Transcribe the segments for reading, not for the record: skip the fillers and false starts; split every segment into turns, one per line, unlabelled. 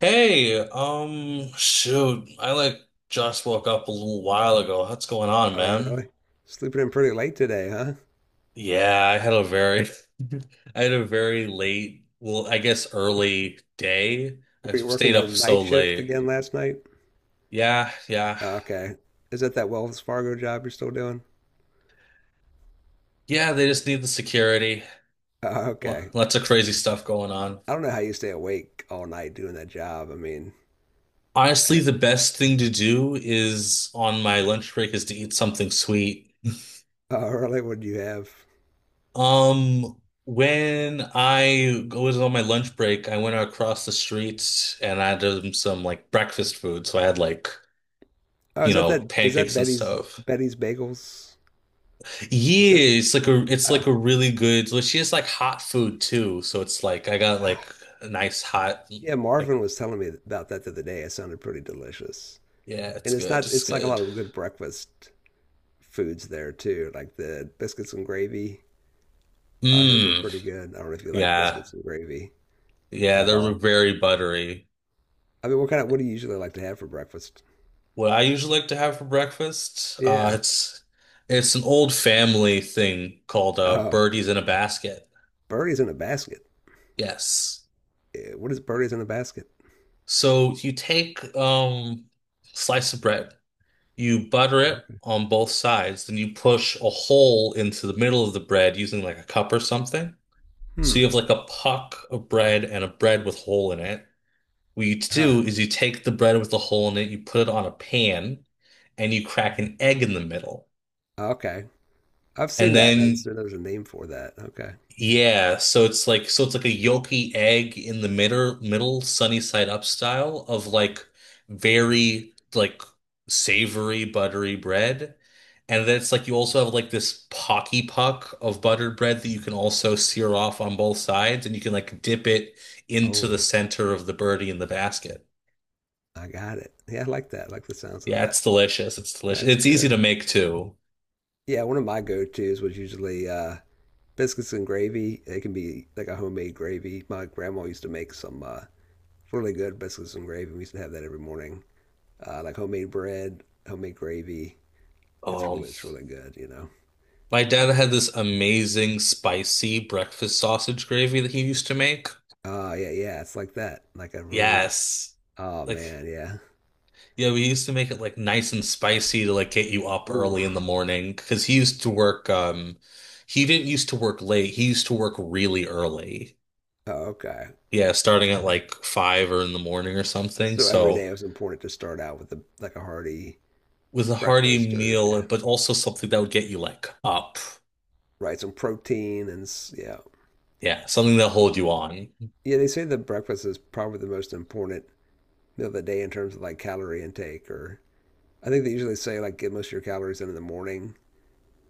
Hey, shoot, I like just woke up a little while ago. What's going on,
Oh,
man?
really? Sleeping in pretty late today, huh?
Yeah, I had a very, I had a very late, well, I guess early day. I
Were you working
stayed
the
up so
night shift
late.
again last night?
Yeah, yeah,
Oh, okay. Is that that Wells Fargo job you're still doing?
yeah. They just need the security.
Oh, okay.
Lots of crazy stuff going on.
I don't know how you stay awake all night doing that job. I mean, Uh,
Honestly, the best thing to do is on my lunch break is to eat something sweet.
oh, really? What do you have?
When I was on my lunch break, I went across the street and I had some like breakfast food. So I had like,
Oh,
you
is that
know,
that? Is that
pancakes and
Betty's
stuff.
Betty's Bagels? Is
Yeah,
that?
it's like a it's
Uh,
like a really good, like she has like hot food too. So it's like I got
ah.
like a nice hot
Yeah,
like
Marvin was telling me about that the other day. It sounded pretty delicious.
yeah,
And
it's
it's
good.
not.
It's
It's like a
good.
lot of good breakfast foods there too, like the biscuits and gravy. I heard were
Mmm.
pretty good. I don't know if you like
Yeah.
biscuits and gravy
Yeah,
at
they're
all.
very buttery.
I mean, what kind of what do you usually like to have for breakfast?
What I usually like to have for breakfast,
Yeah.
it's an old family thing called
Oh,
birdies in a basket.
birdies in a basket.
Yes.
What is birdies in a basket?
So you take slice of bread, you butter it
Okay.
on both sides, then you push a hole into the middle of the bread using like a cup or something.
Hmm.
So you have like a puck of bread and a bread with hole in it. What you
Huh.
do is you take the bread with the hole in it, you put it on a pan, and you crack an egg in the middle.
Okay. I've
And
seen that. I didn't
then
know there was a name for that. Okay.
yeah, so it's like a yolky egg in the middle sunny side up style of like very like savory buttery bread. And then it's like you also have like this pocky puck of buttered bread that you can also sear off on both sides and you can like dip it into the
Oh,
center of the birdie in the basket.
I got it. Yeah, I like that. I like the sounds of
Yeah, it's
that.
delicious. It's delicious.
That's
It's easy to
good.
make too.
Yeah, one of my go-tos was usually biscuits and gravy. They can be like a homemade gravy. My grandma used to make some really good biscuits and gravy. We used to have that every morning. Like homemade bread, homemade gravy. It's
Um,
really it's really good.
my dad
But
had this amazing spicy breakfast sausage gravy that he used to make.
oh yeah, yeah, it's like that. Like a really
Yes.
oh
Like,
man, yeah.
yeah, we used to make it like nice and spicy to like get you up
Ooh.
early in the morning because he used to work, he didn't used to work late. He used to work really early.
Oh, okay.
Yeah, starting at like five or in the morning or something.
So every
So
day it was important to start out with a like a hearty
it was a hearty
breakfast or
meal,
yeah,
but also something that would get you like up.
right, some protein and yeah.
Yeah, something that'll hold you on.
Yeah, they say the breakfast is probably the most important meal of the day in terms of like calorie intake or I think they usually say like get most of your calories in the morning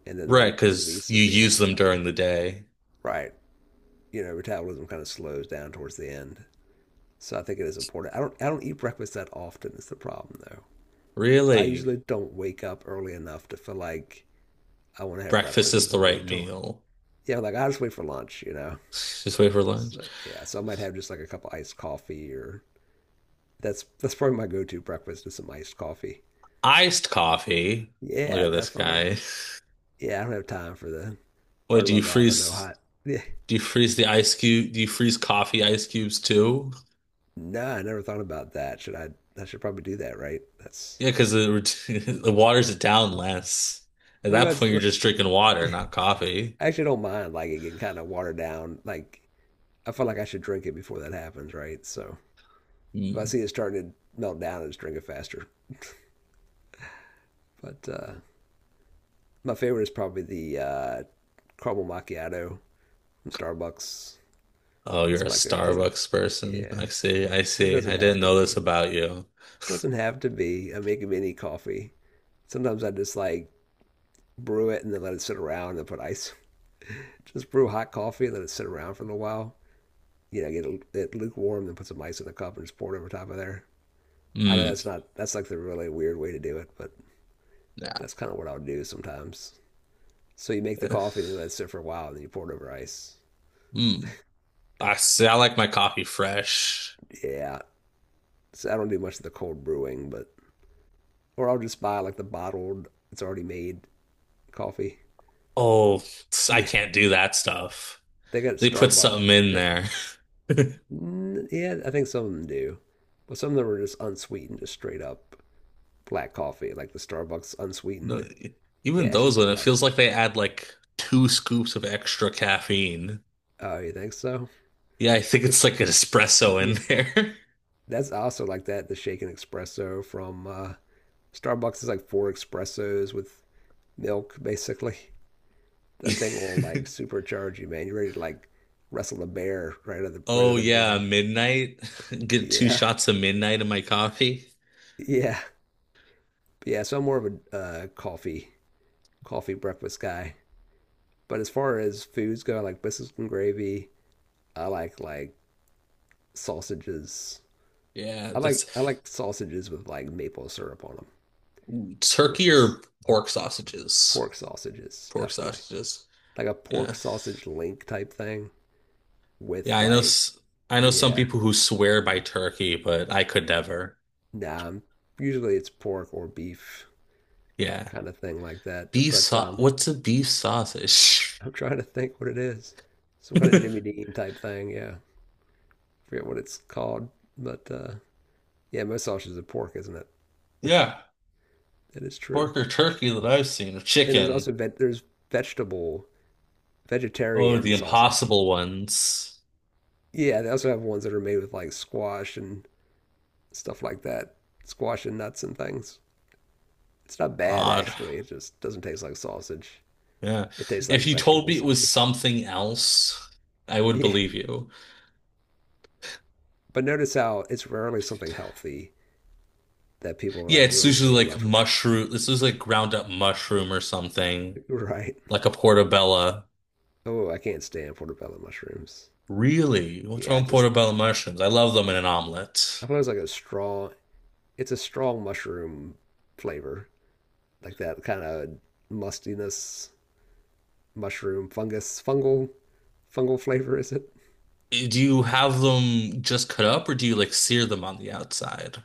and then
Right,
the
because
least
you
at the
use
end.
them
Yeah.
during the day.
Right. Metabolism kind of slows down towards the end. So I think it is important. I don't eat breakfast that often is the problem though. I
Really,
usually don't wake up early enough to feel like I want to have
breakfast
breakfast. I
is the
usually
right
wait till,
meal.
yeah, like I just wait for lunch.
Just wait for lunch.
So yeah, so I might have just like a cup of iced coffee or that's probably my go-to breakfast is some iced coffee.
Iced coffee. Look
Yeah,
at this
definitely.
guy.
Yeah, I don't have time for the
What
front
do you
of my mouth. I know
freeze?
hot. Yeah,
Do you freeze the ice cube? Do you freeze coffee ice cubes too?
no, I never thought about that. Should I? I should probably do that, right? That's,
Yeah, because the the waters it down less. At
well,
that
it's
point, you're just drinking water, not coffee.
I actually don't mind like it getting kind of watered down. Like I feel like I should drink it before that happens, right? So if I
Mm.
see it starting to melt down, I just drink it faster. But my favorite is probably the caramel macchiato from Starbucks.
Oh, you're a
That's my go-to.
Starbucks person. I
Yeah,
see. I
but it
see.
doesn't
I
have
didn't
to
know this
be.
about you.
Doesn't have to be. I make mini coffee. Sometimes I just like brew it and then let it sit around and put ice. Just brew hot coffee and let it sit around for a little while. Get it lukewarm, then put some ice in the cup and just pour it over top of there. I know
Mm.
that's not that's like the really weird way to do it, but
Yeah.
that's kind of what I would do sometimes. So you make the coffee and then let it sit for a while, and then you pour it over ice.
Mm. I see. I like my coffee fresh.
Yeah, so I don't do much of the cold brewing, but or I'll just buy like the bottled, it's already made coffee.
Oh, I
Yeah,
can't do that stuff.
they got it at
They put something
Starbucks.
in
Yeah,
there.
Yeah, I think some of them do, but some of them are just unsweetened, just straight up black coffee, like the Starbucks
No,
unsweetened. Yeah,
even
it's
those
just a
one, it
black.
feels like they add like two scoops of extra caffeine.
Oh, you think so?
Yeah, I think it's
Just
like an espresso
yeah.
in there.
That's also like that, the shaken espresso from Starbucks is like four espressos with milk, basically. That thing will like supercharge you, man. You're ready to like wrestle a bear right out of the right
Oh
out of
yeah,
bed.
midnight. Get two
Yeah,
shots of midnight in my coffee.
yeah, yeah. So I'm more of a coffee breakfast guy. But as far as foods go, I like biscuits and gravy. I like sausages.
Yeah,
I like I
that's
like sausages with like maple syrup on them, which
turkey or
is
pork sausages.
pork sausages,
Pork
definitely.
sausages.
Like a pork
Yeah.
sausage link type thing
Yeah,
with like
I know some
yeah.
people who swear by turkey, but I could never.
Nah, usually it's pork or beef
Yeah.
kind of thing like that.
Beef
But
sau what's a beef sausage?
I'm trying to think what it is. Some kind of Jimmy Dean type thing. Yeah, forget what it's called. But yeah, most sausages are pork, isn't it?
Yeah.
It is true.
Pork or turkey that I've seen, or
And there's
chicken.
also ve there's vegetable
Oh, the
vegetarian sausage.
impossible ones.
Yeah, they also have ones that are made with like squash and stuff like that, squash and nuts and things. It's not bad
Odd.
actually. It just doesn't taste like sausage.
Yeah.
It tastes
If
like
you told
vegetable
me it was
sausage.
something else, I would
Yeah.
believe you.
But notice how it's rarely something healthy that people are
Yeah,
like
it's
really,
usually
really
like
love.
mushroom. This is like ground up mushroom or something,
Right.
like a portobello.
Oh, I can't stand portobello mushrooms.
Really? What's wrong
Yeah,
with
just
portobello mushrooms? I love them in an omelet.
I thought it was like a strong. It's a strong mushroom flavor, like that kind of mustiness, mushroom, fungus, fungal flavor. Is it?
Do you have them just cut up, or do you like sear them on the outside?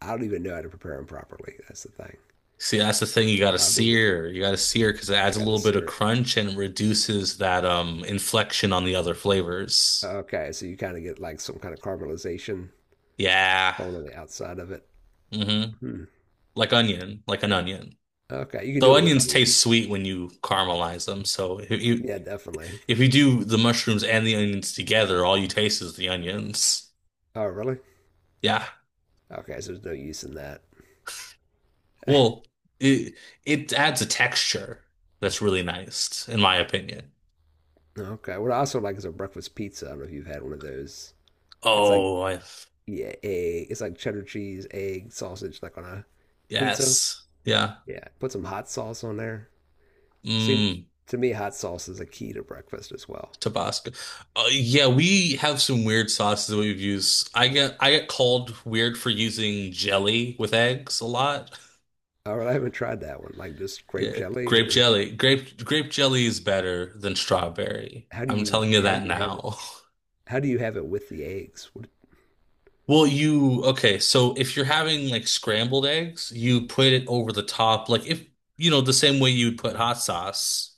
I don't even know how to prepare them properly. That's the thing.
See, that's the thing. You gotta
I mean,
sear. You gotta sear because it
I
adds a
gotta
little bit of
sear it.
crunch and reduces that inflection on the other flavors.
Okay, so you kind of get like some kind of caramelization
Yeah.
going on the outside of it.
Mm-hmm.
Hmm.
Like onion, like an onion.
Okay, you can do
Though
it with
onions taste
onions.
sweet when you caramelize them. So
Yeah, definitely.
if you do the mushrooms and the onions together, all you taste is the onions.
Oh, really?
Yeah.
Okay, so there's no use in that.
Well, it it adds a texture that's really nice, in my opinion.
Okay. What I also like is a breakfast pizza. I don't know if you've had one of those. It's like
Oh, I
yeah, egg. It's like cheddar cheese, egg, sausage, like on a pizza.
yes. Yeah.
Yeah. Put some hot sauce on there. See,
Mm.
to me, hot sauce is a key to breakfast as well.
Tabasco. Yeah, we have some weird sauces that we've used. I get called weird for using jelly with eggs a lot.
All right, I haven't tried that one. Like just grape
Yeah,
jelly,
grape
or
jelly. Grape jelly is better than strawberry.
how do
I'm
you
telling you
how do
that
you have it?
now.
How do you have it with the eggs? What,
Well, you okay, so if you're having like scrambled eggs, you put it over the top like if you know the same way you'd put hot sauce.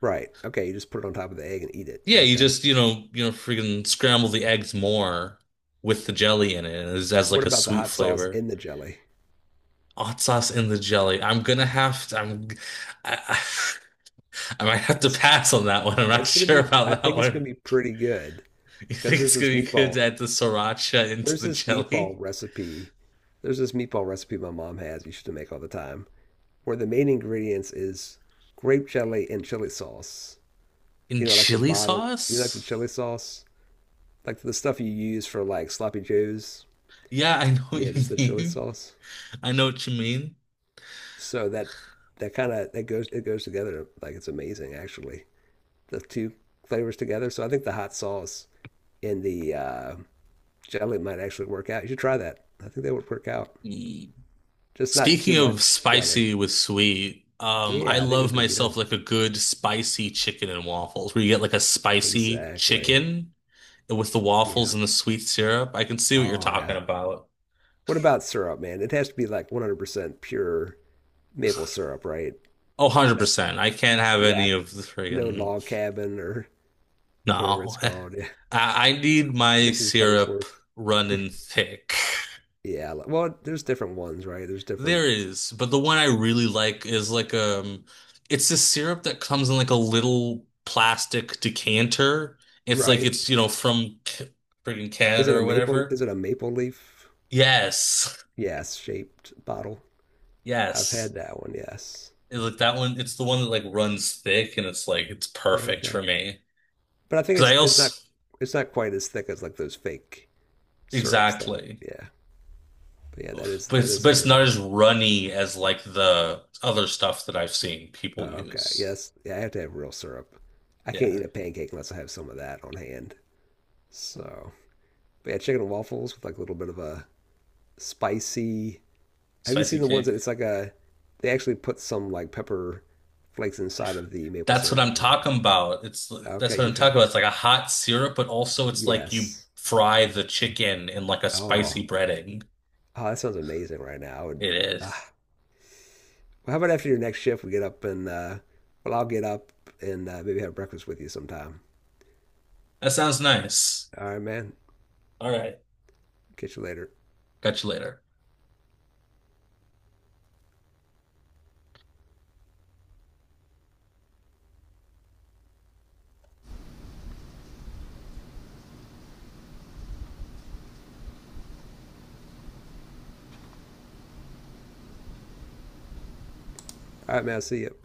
right. Okay, you just put it on top of the egg and eat it.
Yeah, you
Okay.
just, you know, freaking scramble the eggs more with the jelly in it as it
What
like a
about the
sweet
hot sauce
flavor.
in the jelly?
Hot sauce in the jelly. I, I I might have to
It's
pass on that one. I'm not
It's gonna
sure
be, I
about that
think it's gonna
one.
be pretty good
You
because
think it's gonna be good to add the sriracha into
there's
the
this meatball
jelly?
recipe, there's this meatball recipe my mom has, used to make all the time, where the main ingredients is grape jelly and chili sauce.
In
Like the
chili
bottled, like the
sauce?
chili sauce, like the stuff you use for like sloppy joes.
Yeah, I know what
Yeah,
you
just the chili
mean.
sauce.
I know what you mean.
So that kind of that goes it goes together like it's amazing actually. The two flavors together. So I think the hot sauce in the jelly might actually work out. You should try that. I think that would work out.
Mm.
Just not too
Speaking of
much jelly.
spicy with sweet, I
Yeah, I think it would
love
be
myself
good.
like a good spicy chicken and waffles, where you get like a spicy
Exactly.
chicken with the
Yeah.
waffles and the sweet syrup. I can see what you're
Oh,
talking
yeah.
about.
What about syrup, man? It has to be like 100% pure maple syrup, right?
Oh,
That's,
100%. I can't have
yeah,
any of the
no
friggin'
log cabin or whatever it's
no.
called.
I need
Yeah.
my
Mrs.
syrup
Buttersworth.
running thick.
Yeah. Well, there's different ones, right? There's different,
There is, but the one I really like is like it's this syrup that comes in like a little plastic decanter. It's like
right?
it's, you know, friggin'
Is
Canada
it a
or
maple?
whatever.
Is it a maple leaf?
Yes.
Yes, shaped bottle. I've
Yes.
had that one, yes.
It's like that one, it's the one that like runs thick and it's like it's perfect
Okay.
for me
But I think
because
it's
I
it's not
also
it's not quite as thick as like those fake syrups though.
exactly.
Yeah. But yeah, that is
But
that is a
it's
good
not
one.
as runny as like the other stuff that I've seen
Oh,
people
okay.
use.
Yes. Yeah, I have to have real syrup. I can't
Yeah.
eat a pancake unless I have some of that on hand. So, but yeah, chicken and waffles with like a little bit of a spicy. Have you
Spicy
seen the ones
cake.
that it's like a they actually put some like pepper flakes inside of the maple
That's what
syrup. I
I'm
don't know if
talking about. It's
Okay,
that's what I'm
you've
talking
had
about.
that.
It's like a hot syrup, but also it's like you
Yes.
fry the chicken in like a
Oh,
spicy breading.
oh, that sounds amazing right now. I would,
It
ah.
is.
Well, how about after your next shift, we get up and, well, I'll get up and maybe have breakfast with you sometime.
That sounds nice.
All right, man.
All right.
Catch you later.
Catch you later.
All right, man. I'll see you.